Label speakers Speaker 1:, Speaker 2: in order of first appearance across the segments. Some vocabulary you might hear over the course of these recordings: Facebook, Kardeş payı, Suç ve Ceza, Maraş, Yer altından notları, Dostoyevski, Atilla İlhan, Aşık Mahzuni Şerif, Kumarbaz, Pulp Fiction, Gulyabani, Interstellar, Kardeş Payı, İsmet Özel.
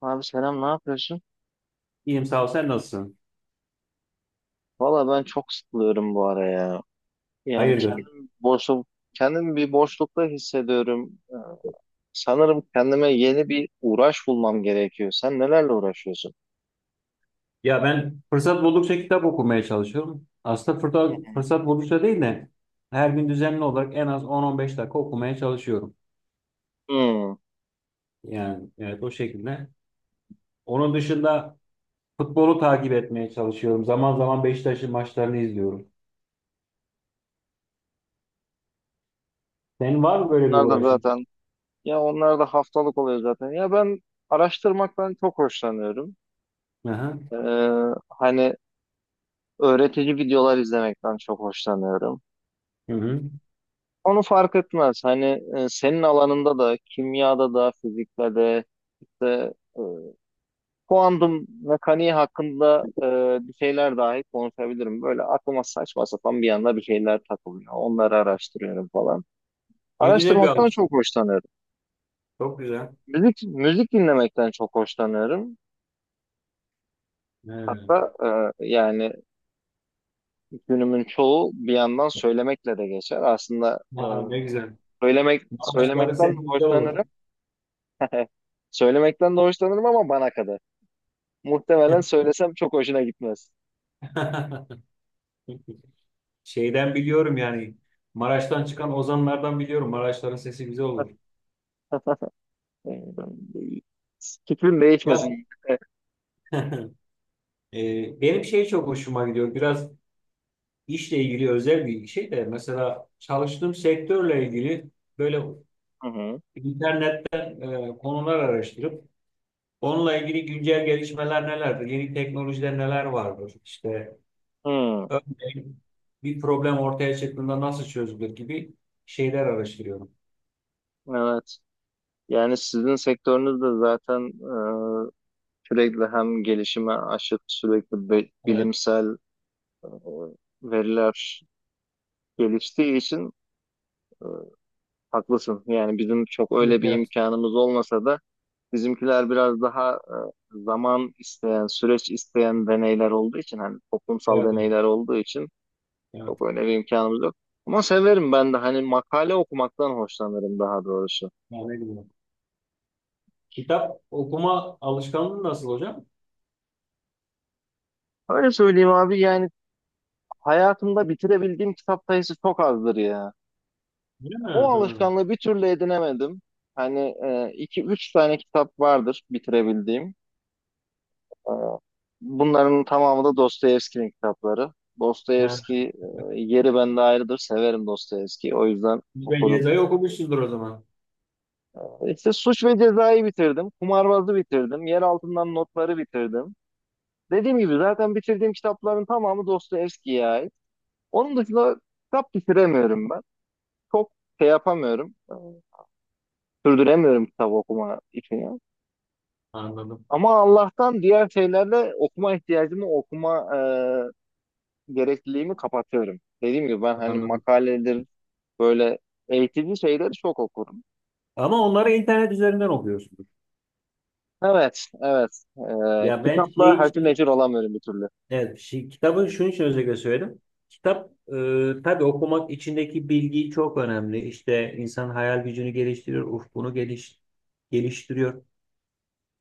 Speaker 1: Abi selam ne yapıyorsun?
Speaker 2: İyiyim sağ ol. Sen nasılsın?
Speaker 1: Valla ben çok sıkılıyorum bu ara ya. Yani
Speaker 2: Hayırdır?
Speaker 1: kendim bir boşlukta hissediyorum. Sanırım kendime yeni bir uğraş bulmam gerekiyor. Sen nelerle uğraşıyorsun?
Speaker 2: Ya ben fırsat buldukça kitap okumaya çalışıyorum. Aslında
Speaker 1: Hı
Speaker 2: fırsat,
Speaker 1: hı.
Speaker 2: fırsat buldukça değil de her gün düzenli olarak en az 10-15 dakika okumaya çalışıyorum.
Speaker 1: Hmm.
Speaker 2: Yani evet o şekilde. Onun dışında futbolu takip etmeye çalışıyorum. Zaman zaman Beşiktaş'ın maçlarını izliyorum. Senin var mı böyle bir
Speaker 1: Onlar da
Speaker 2: uğraşın?
Speaker 1: zaten Ya onlar da haftalık oluyor zaten. Ya ben araştırmaktan çok hoşlanıyorum.
Speaker 2: Aha.
Speaker 1: Ee, Hani öğretici videolar izlemekten çok hoşlanıyorum.
Speaker 2: Hı hı.
Speaker 1: Onu fark etmez. Hani senin alanında da kimyada da fizikte de işte kuantum mekaniği hakkında bir şeyler dahi konuşabilirim. Böyle aklıma saçma sapan bir anda bir şeyler takılıyor. Onları araştırıyorum falan.
Speaker 2: Ne güzel bir
Speaker 1: Araştırmaktan çok
Speaker 2: alışkanlık.
Speaker 1: hoşlanıyorum.
Speaker 2: Çok güzel.
Speaker 1: Müzik dinlemekten çok hoşlanıyorum.
Speaker 2: Evet.
Speaker 1: Hatta yani günümün çoğu bir yandan söylemekle de geçer. Aslında
Speaker 2: Ha, ne güzel. Maçları
Speaker 1: söylemekten
Speaker 2: sesi
Speaker 1: de
Speaker 2: güzel olur.
Speaker 1: hoşlanırım. Söylemekten de hoşlanırım ama bana kadar. Muhtemelen söylesem çok hoşuna gitmez.
Speaker 2: Şeyden biliyorum yani Maraş'tan çıkan ozanlardan biliyorum. Maraşların sesi güzel olur.
Speaker 1: Fikrim
Speaker 2: Ya
Speaker 1: değişmesin.
Speaker 2: benim şey çok hoşuma gidiyor. Biraz işle ilgili özel bir şey de mesela çalıştığım sektörle ilgili böyle
Speaker 1: Hı hı.
Speaker 2: internetten konular araştırıp onunla ilgili güncel gelişmeler nelerdir? Yeni teknolojiler neler vardır? İşte
Speaker 1: Hı,
Speaker 2: örneğin bir problem ortaya çıktığında nasıl çözülür gibi şeyler araştırıyorum.
Speaker 1: evet. Yani sizin sektörünüz de zaten e, sürekli hem gelişime aşık sürekli
Speaker 2: Evet.
Speaker 1: bilimsel e, veriler geliştiği için e, haklısın. Yani bizim çok
Speaker 2: Evet.
Speaker 1: öyle bir
Speaker 2: Evet.
Speaker 1: imkanımız olmasa da bizimkiler biraz daha zaman isteyen, süreç isteyen deneyler olduğu için hani toplumsal
Speaker 2: Evet.
Speaker 1: deneyler olduğu için
Speaker 2: Evet.
Speaker 1: çok öyle bir imkanımız yok. Ama severim ben de hani makale okumaktan hoşlanırım daha doğrusu.
Speaker 2: Yani ne bileyim. Kitap okuma alışkanlığı nasıl hocam?
Speaker 1: Öyle söyleyeyim abi, yani hayatımda bitirebildiğim kitap sayısı çok azdır ya.
Speaker 2: Değil mi?
Speaker 1: O
Speaker 2: Ha.
Speaker 1: alışkanlığı bir türlü edinemedim. Hani iki üç tane kitap vardır bitirebildiğim. E, Bunların tamamı da Dostoyevski'nin kitapları.
Speaker 2: Ha.
Speaker 1: Dostoyevski, yeri bende ayrıdır. Severim Dostoyevski'yi. O yüzden
Speaker 2: Ve
Speaker 1: okurum.
Speaker 2: Geza'yı okumuşsundur o zaman.
Speaker 1: İşte Suç ve Ceza'yı bitirdim. Kumarbaz'ı bitirdim. Yer altından notları bitirdim. Dediğim gibi zaten bitirdiğim kitapların tamamı Dostoyevski'ye ait. Onun dışında kitap bitiremiyorum ben. Çok şey yapamıyorum. Sürdüremiyorum kitap okuma için ya.
Speaker 2: Anladım.
Speaker 1: Ama Allah'tan diğer şeylerle okuma ihtiyacımı, okuma gerekliliğimi kapatıyorum. Dediğim gibi ben hani
Speaker 2: Anladım.
Speaker 1: makaledir, böyle eğitici şeyleri çok okurum.
Speaker 2: Ama onları internet üzerinden okuyorsunuz.
Speaker 1: Evet, evet.
Speaker 2: Ya ben şey
Speaker 1: Kitapla hacı
Speaker 2: için,
Speaker 1: necir olamıyorum bir türlü.
Speaker 2: evet, şey, kitabı şunun için özellikle söyledim. Kitap tabii okumak içindeki bilgi çok önemli. İşte insan hayal gücünü geliştiriyor, geliştiriyor.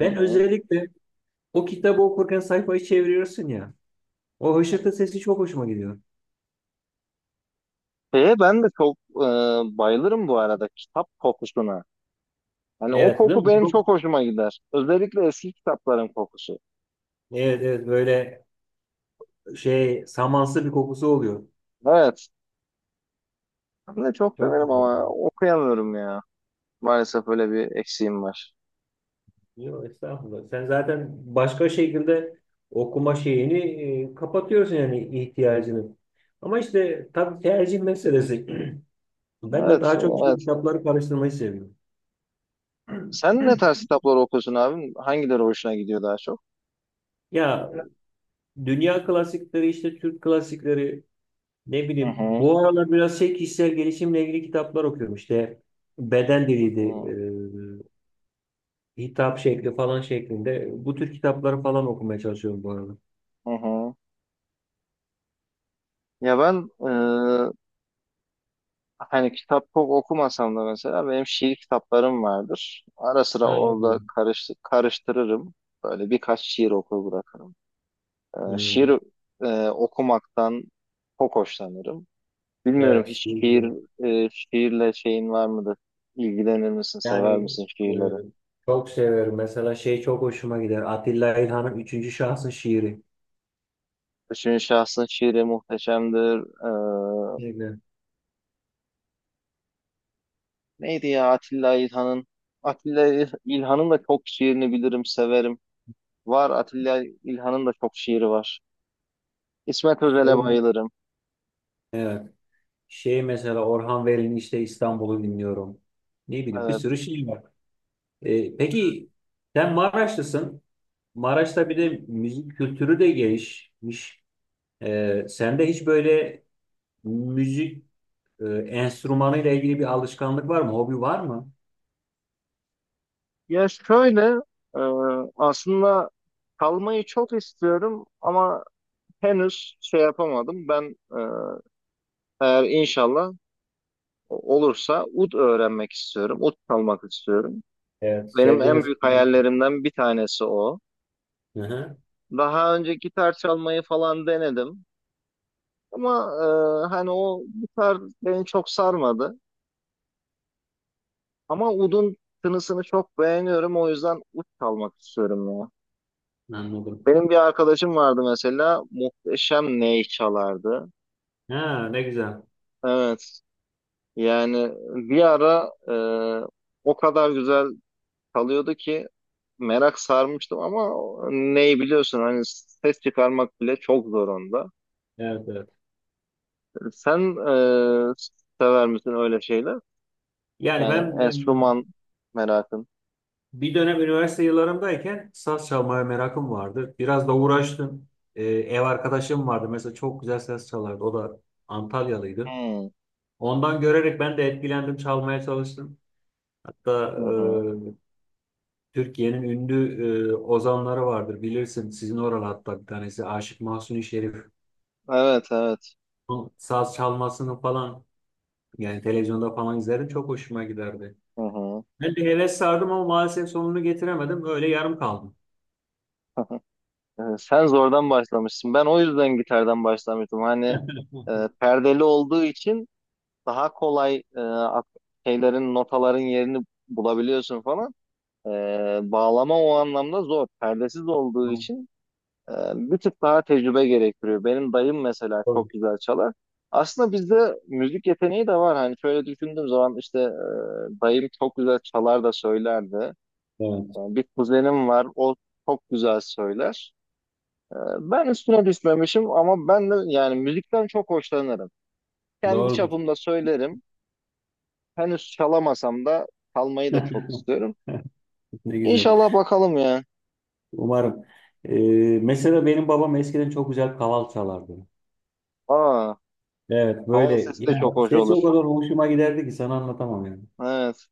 Speaker 1: Hı
Speaker 2: Ben
Speaker 1: hı.
Speaker 2: özellikle o kitabı okurken sayfayı çeviriyorsun ya. O hışırtı sesi çok hoşuma gidiyor.
Speaker 1: Şeye ben de çok bayılırım bu arada kitap kokusuna. Hani o
Speaker 2: Evet, değil
Speaker 1: koku
Speaker 2: mi?
Speaker 1: benim
Speaker 2: Çok,
Speaker 1: çok hoşuma gider. Özellikle eski kitapların kokusu.
Speaker 2: evet, evet böyle şey samansı bir kokusu oluyor.
Speaker 1: Evet. Ben de çok
Speaker 2: Çok
Speaker 1: severim
Speaker 2: güzel, ya.
Speaker 1: ama okuyamıyorum ya. Maalesef öyle bir eksiğim var.
Speaker 2: Yok estağfurullah. Sen zaten başka şekilde okuma şeyini kapatıyorsun yani ihtiyacını. Ama işte tabii tercih meselesi. Ben de
Speaker 1: Evet,
Speaker 2: daha çok işte
Speaker 1: evet.
Speaker 2: kitapları karıştırmayı seviyorum.
Speaker 1: Sen ne tarz kitaplar okuyorsun abim? Hangileri hoşuna gidiyor daha çok?
Speaker 2: Ya dünya klasikleri işte Türk klasikleri ne
Speaker 1: Hı
Speaker 2: bileyim
Speaker 1: hı.
Speaker 2: bu aralar biraz şey kişisel gelişimle ilgili kitaplar okuyorum işte beden diliydi
Speaker 1: Hı
Speaker 2: hitap şekli falan şeklinde bu tür kitapları falan okumaya çalışıyorum bu arada.
Speaker 1: hı. Hı. Ya ben hani kitap çok okumasam da mesela benim şiir kitaplarım vardır. Ara sıra orada
Speaker 2: Aynen.
Speaker 1: karıştırırım. Böyle birkaç şiir okur bırakırım. Şiir
Speaker 2: Hmm.
Speaker 1: okumaktan çok hoşlanırım. Bilmiyorum
Speaker 2: Evet işte
Speaker 1: hiç
Speaker 2: bu.
Speaker 1: şiirle şeyin var mıdır? İlgilenir misin, sever
Speaker 2: Yani
Speaker 1: misin
Speaker 2: e,
Speaker 1: şiirleri?
Speaker 2: çok severim. Mesela şey çok hoşuma gider. Atilla İlhan'ın üçüncü şahsın şiiri.
Speaker 1: Üçüncü şahsın şiiri muhteşemdir. Ee,
Speaker 2: Kesinlikle.
Speaker 1: Neydi ya Atilla İlhan'ın? Atilla İlhan'ın da çok şiirini bilirim, severim. Var Atilla İlhan'ın da çok şiiri var. İsmet Özel'e
Speaker 2: Şey,
Speaker 1: Evet. bayılırım.
Speaker 2: evet. Şey mesela Orhan Veli'nin işte İstanbul'u dinliyorum. Ne bileyim bir
Speaker 1: Evet.
Speaker 2: sürü şey var. Peki sen Maraşlısın. Maraş'ta
Speaker 1: Hı
Speaker 2: bir de
Speaker 1: hı.
Speaker 2: müzik kültürü de gelişmiş. Sende hiç böyle müzik enstrümanıyla ilgili bir alışkanlık var mı? Hobi var mı?
Speaker 1: Ya şöyle e, aslında kalmayı çok istiyorum ama henüz şey yapamadım. Ben eğer inşallah olursa ud öğrenmek istiyorum. Ud çalmak istiyorum.
Speaker 2: Evet,
Speaker 1: Benim en
Speaker 2: sevdiğiniz.
Speaker 1: büyük hayallerimden bir tanesi o.
Speaker 2: Hı hı.
Speaker 1: Daha önce gitar çalmayı falan denedim. Ama hani o gitar beni çok sarmadı. Ama udun tınısını çok beğeniyorum. O yüzden ud çalmak istiyorum ya.
Speaker 2: Anladım.
Speaker 1: Benim bir arkadaşım vardı mesela. Muhteşem ney çalardı.
Speaker 2: Ha, ne güzel.
Speaker 1: Evet. Yani bir ara o kadar güzel çalıyordu ki merak sarmıştım ama ney biliyorsun hani ses çıkarmak bile çok zor onda.
Speaker 2: Evet, evet.
Speaker 1: Sen e, sever misin öyle şeyler?
Speaker 2: Yani
Speaker 1: Yani
Speaker 2: ben
Speaker 1: enstrüman merakın.
Speaker 2: bir dönem üniversite yıllarımdayken saz çalmaya merakım vardı. Biraz da uğraştım. E, ev arkadaşım vardı. Mesela çok güzel saz çalardı. O da Antalyalıydı.
Speaker 1: Hmm.
Speaker 2: Ondan görerek ben de etkilendim. Çalmaya çalıştım. Hatta
Speaker 1: Hı hı.
Speaker 2: e, Türkiye'nin ünlü ozanları vardır. Bilirsin sizin oralı hatta bir tanesi. Aşık Mahzuni Şerif.
Speaker 1: Evet, evet.
Speaker 2: Onun saz çalmasını falan yani televizyonda falan izlerim. Çok hoşuma giderdi.
Speaker 1: Hı hı.
Speaker 2: Ben de heves sardım ama maalesef sonunu getiremedim. Öyle yarım kaldım.
Speaker 1: Sen zordan başlamışsın. Ben o yüzden gitardan başlamıştım. Hani perdeli olduğu için daha kolay şeylerin, notaların yerini bulabiliyorsun falan. E, Bağlama o anlamda zor. Perdesiz olduğu için bir tık daha tecrübe gerektiriyor. Benim dayım mesela
Speaker 2: Doğrudur.
Speaker 1: çok güzel çalar. Aslında bizde müzik yeteneği de var. Hani şöyle düşündüğüm zaman işte dayım çok güzel çalar da söylerdi.
Speaker 2: Evet,
Speaker 1: Yani bir kuzenim var, o çok güzel söyler. Ben üstüne düşmemişim ama ben de yani müzikten çok hoşlanırım. Kendi
Speaker 2: doğrudur.
Speaker 1: çapımda söylerim. Henüz çalamasam da çalmayı da çok istiyorum.
Speaker 2: Ne güzel.
Speaker 1: İnşallah bakalım ya.
Speaker 2: Umarım. Ee, mesela benim babam eskiden çok güzel kaval çalardı.
Speaker 1: Aa,
Speaker 2: Evet,
Speaker 1: hava
Speaker 2: böyle
Speaker 1: sesi de çok
Speaker 2: ya
Speaker 1: hoş
Speaker 2: sesi o
Speaker 1: olur.
Speaker 2: kadar hoşuma giderdi ki sana anlatamam yani.
Speaker 1: Evet.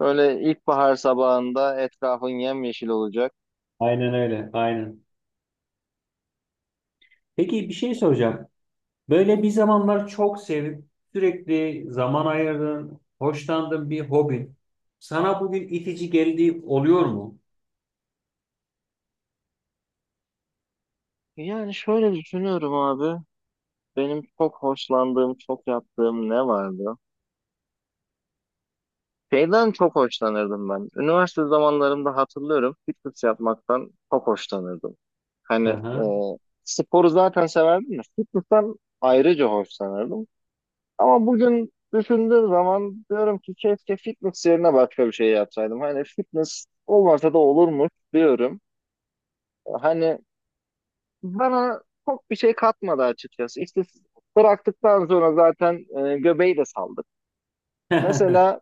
Speaker 1: Böyle ilkbahar sabahında etrafın yemyeşil olacak.
Speaker 2: Aynen öyle, aynen. Peki bir şey soracağım. Böyle bir zamanlar çok sevip sürekli zaman ayırdığın, hoşlandığın bir hobin sana bugün itici geldiği oluyor mu?
Speaker 1: Yani şöyle düşünüyorum abi. Benim çok hoşlandığım, çok yaptığım ne vardı? Şeyden çok hoşlanırdım ben. Üniversite zamanlarımda hatırlıyorum fitness yapmaktan çok hoşlanırdım. Hani
Speaker 2: Aha.
Speaker 1: sporu zaten severdim de fitness'tan ayrıca hoşlanırdım. Ama bugün düşündüğüm zaman diyorum ki keşke fitness yerine başka bir şey yapsaydım. Hani fitness olmasa da olurmuş diyorum. Hani bana çok bir şey katmadı açıkçası. İşte bıraktıktan sonra zaten göbeği de saldık. Mesela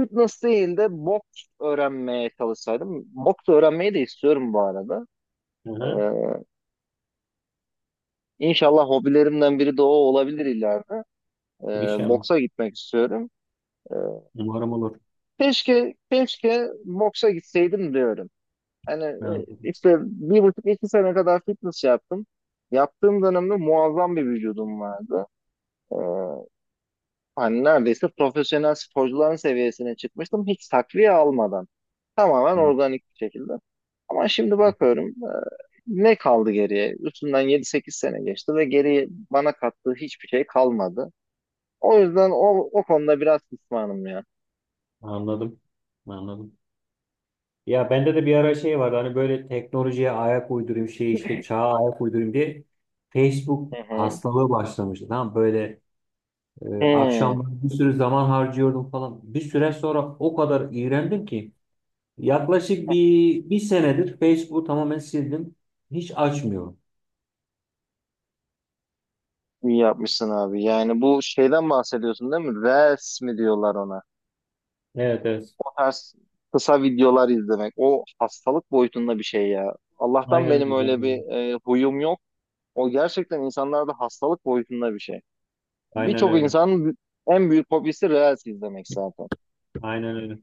Speaker 1: fitness değil de boks öğrenmeye çalışsaydım. Boks öğrenmeyi de istiyorum bu arada.
Speaker 2: Aha,
Speaker 1: Ee, inşallah hobilerimden biri de o olabilir ileride.
Speaker 2: inşallah.
Speaker 1: Boksa gitmek istiyorum. Ee,
Speaker 2: Umarım olur.
Speaker 1: Keşke boksa gitseydim diyorum. Hani
Speaker 2: Anladım.
Speaker 1: işte bir buçuk iki sene kadar fitness yaptım. Yaptığım dönemde muazzam bir vücudum vardı. Ee, Hani neredeyse profesyonel sporcuların seviyesine çıkmıştım hiç takviye almadan. Tamamen organik bir şekilde. Ama şimdi bakıyorum, ne kaldı geriye? Üstünden 7-8 sene geçti ve geriye bana kattığı hiçbir şey kalmadı. O yüzden o konuda biraz pişmanım ya.
Speaker 2: Anladım. Anladım. Ya bende de bir ara şey vardı hani böyle teknolojiye ayak uydurayım şey işte çağa ayak uydurayım diye Facebook
Speaker 1: Hı hı.
Speaker 2: hastalığı başlamıştı. Tamam böyle
Speaker 1: Hı.
Speaker 2: akşamları bir sürü zaman harcıyordum falan. Bir süre sonra o kadar iğrendim ki yaklaşık bir senedir Facebook'u tamamen sildim. Hiç açmıyorum.
Speaker 1: İyi yapmışsın abi. Yani bu şeyden bahsediyorsun değil mi? Reels mi diyorlar ona?
Speaker 2: Evet, evet.
Speaker 1: O tarz kısa videolar izlemek. O hastalık boyutunda bir şey ya. Allah'tan
Speaker 2: Aynen
Speaker 1: benim
Speaker 2: öyle.
Speaker 1: öyle bir huyum yok. O gerçekten insanlarda hastalık boyutunda bir şey.
Speaker 2: Aynen
Speaker 1: Birçok
Speaker 2: öyle.
Speaker 1: insanın en büyük hobisi Reels izlemek zaten.
Speaker 2: Aynen öyle.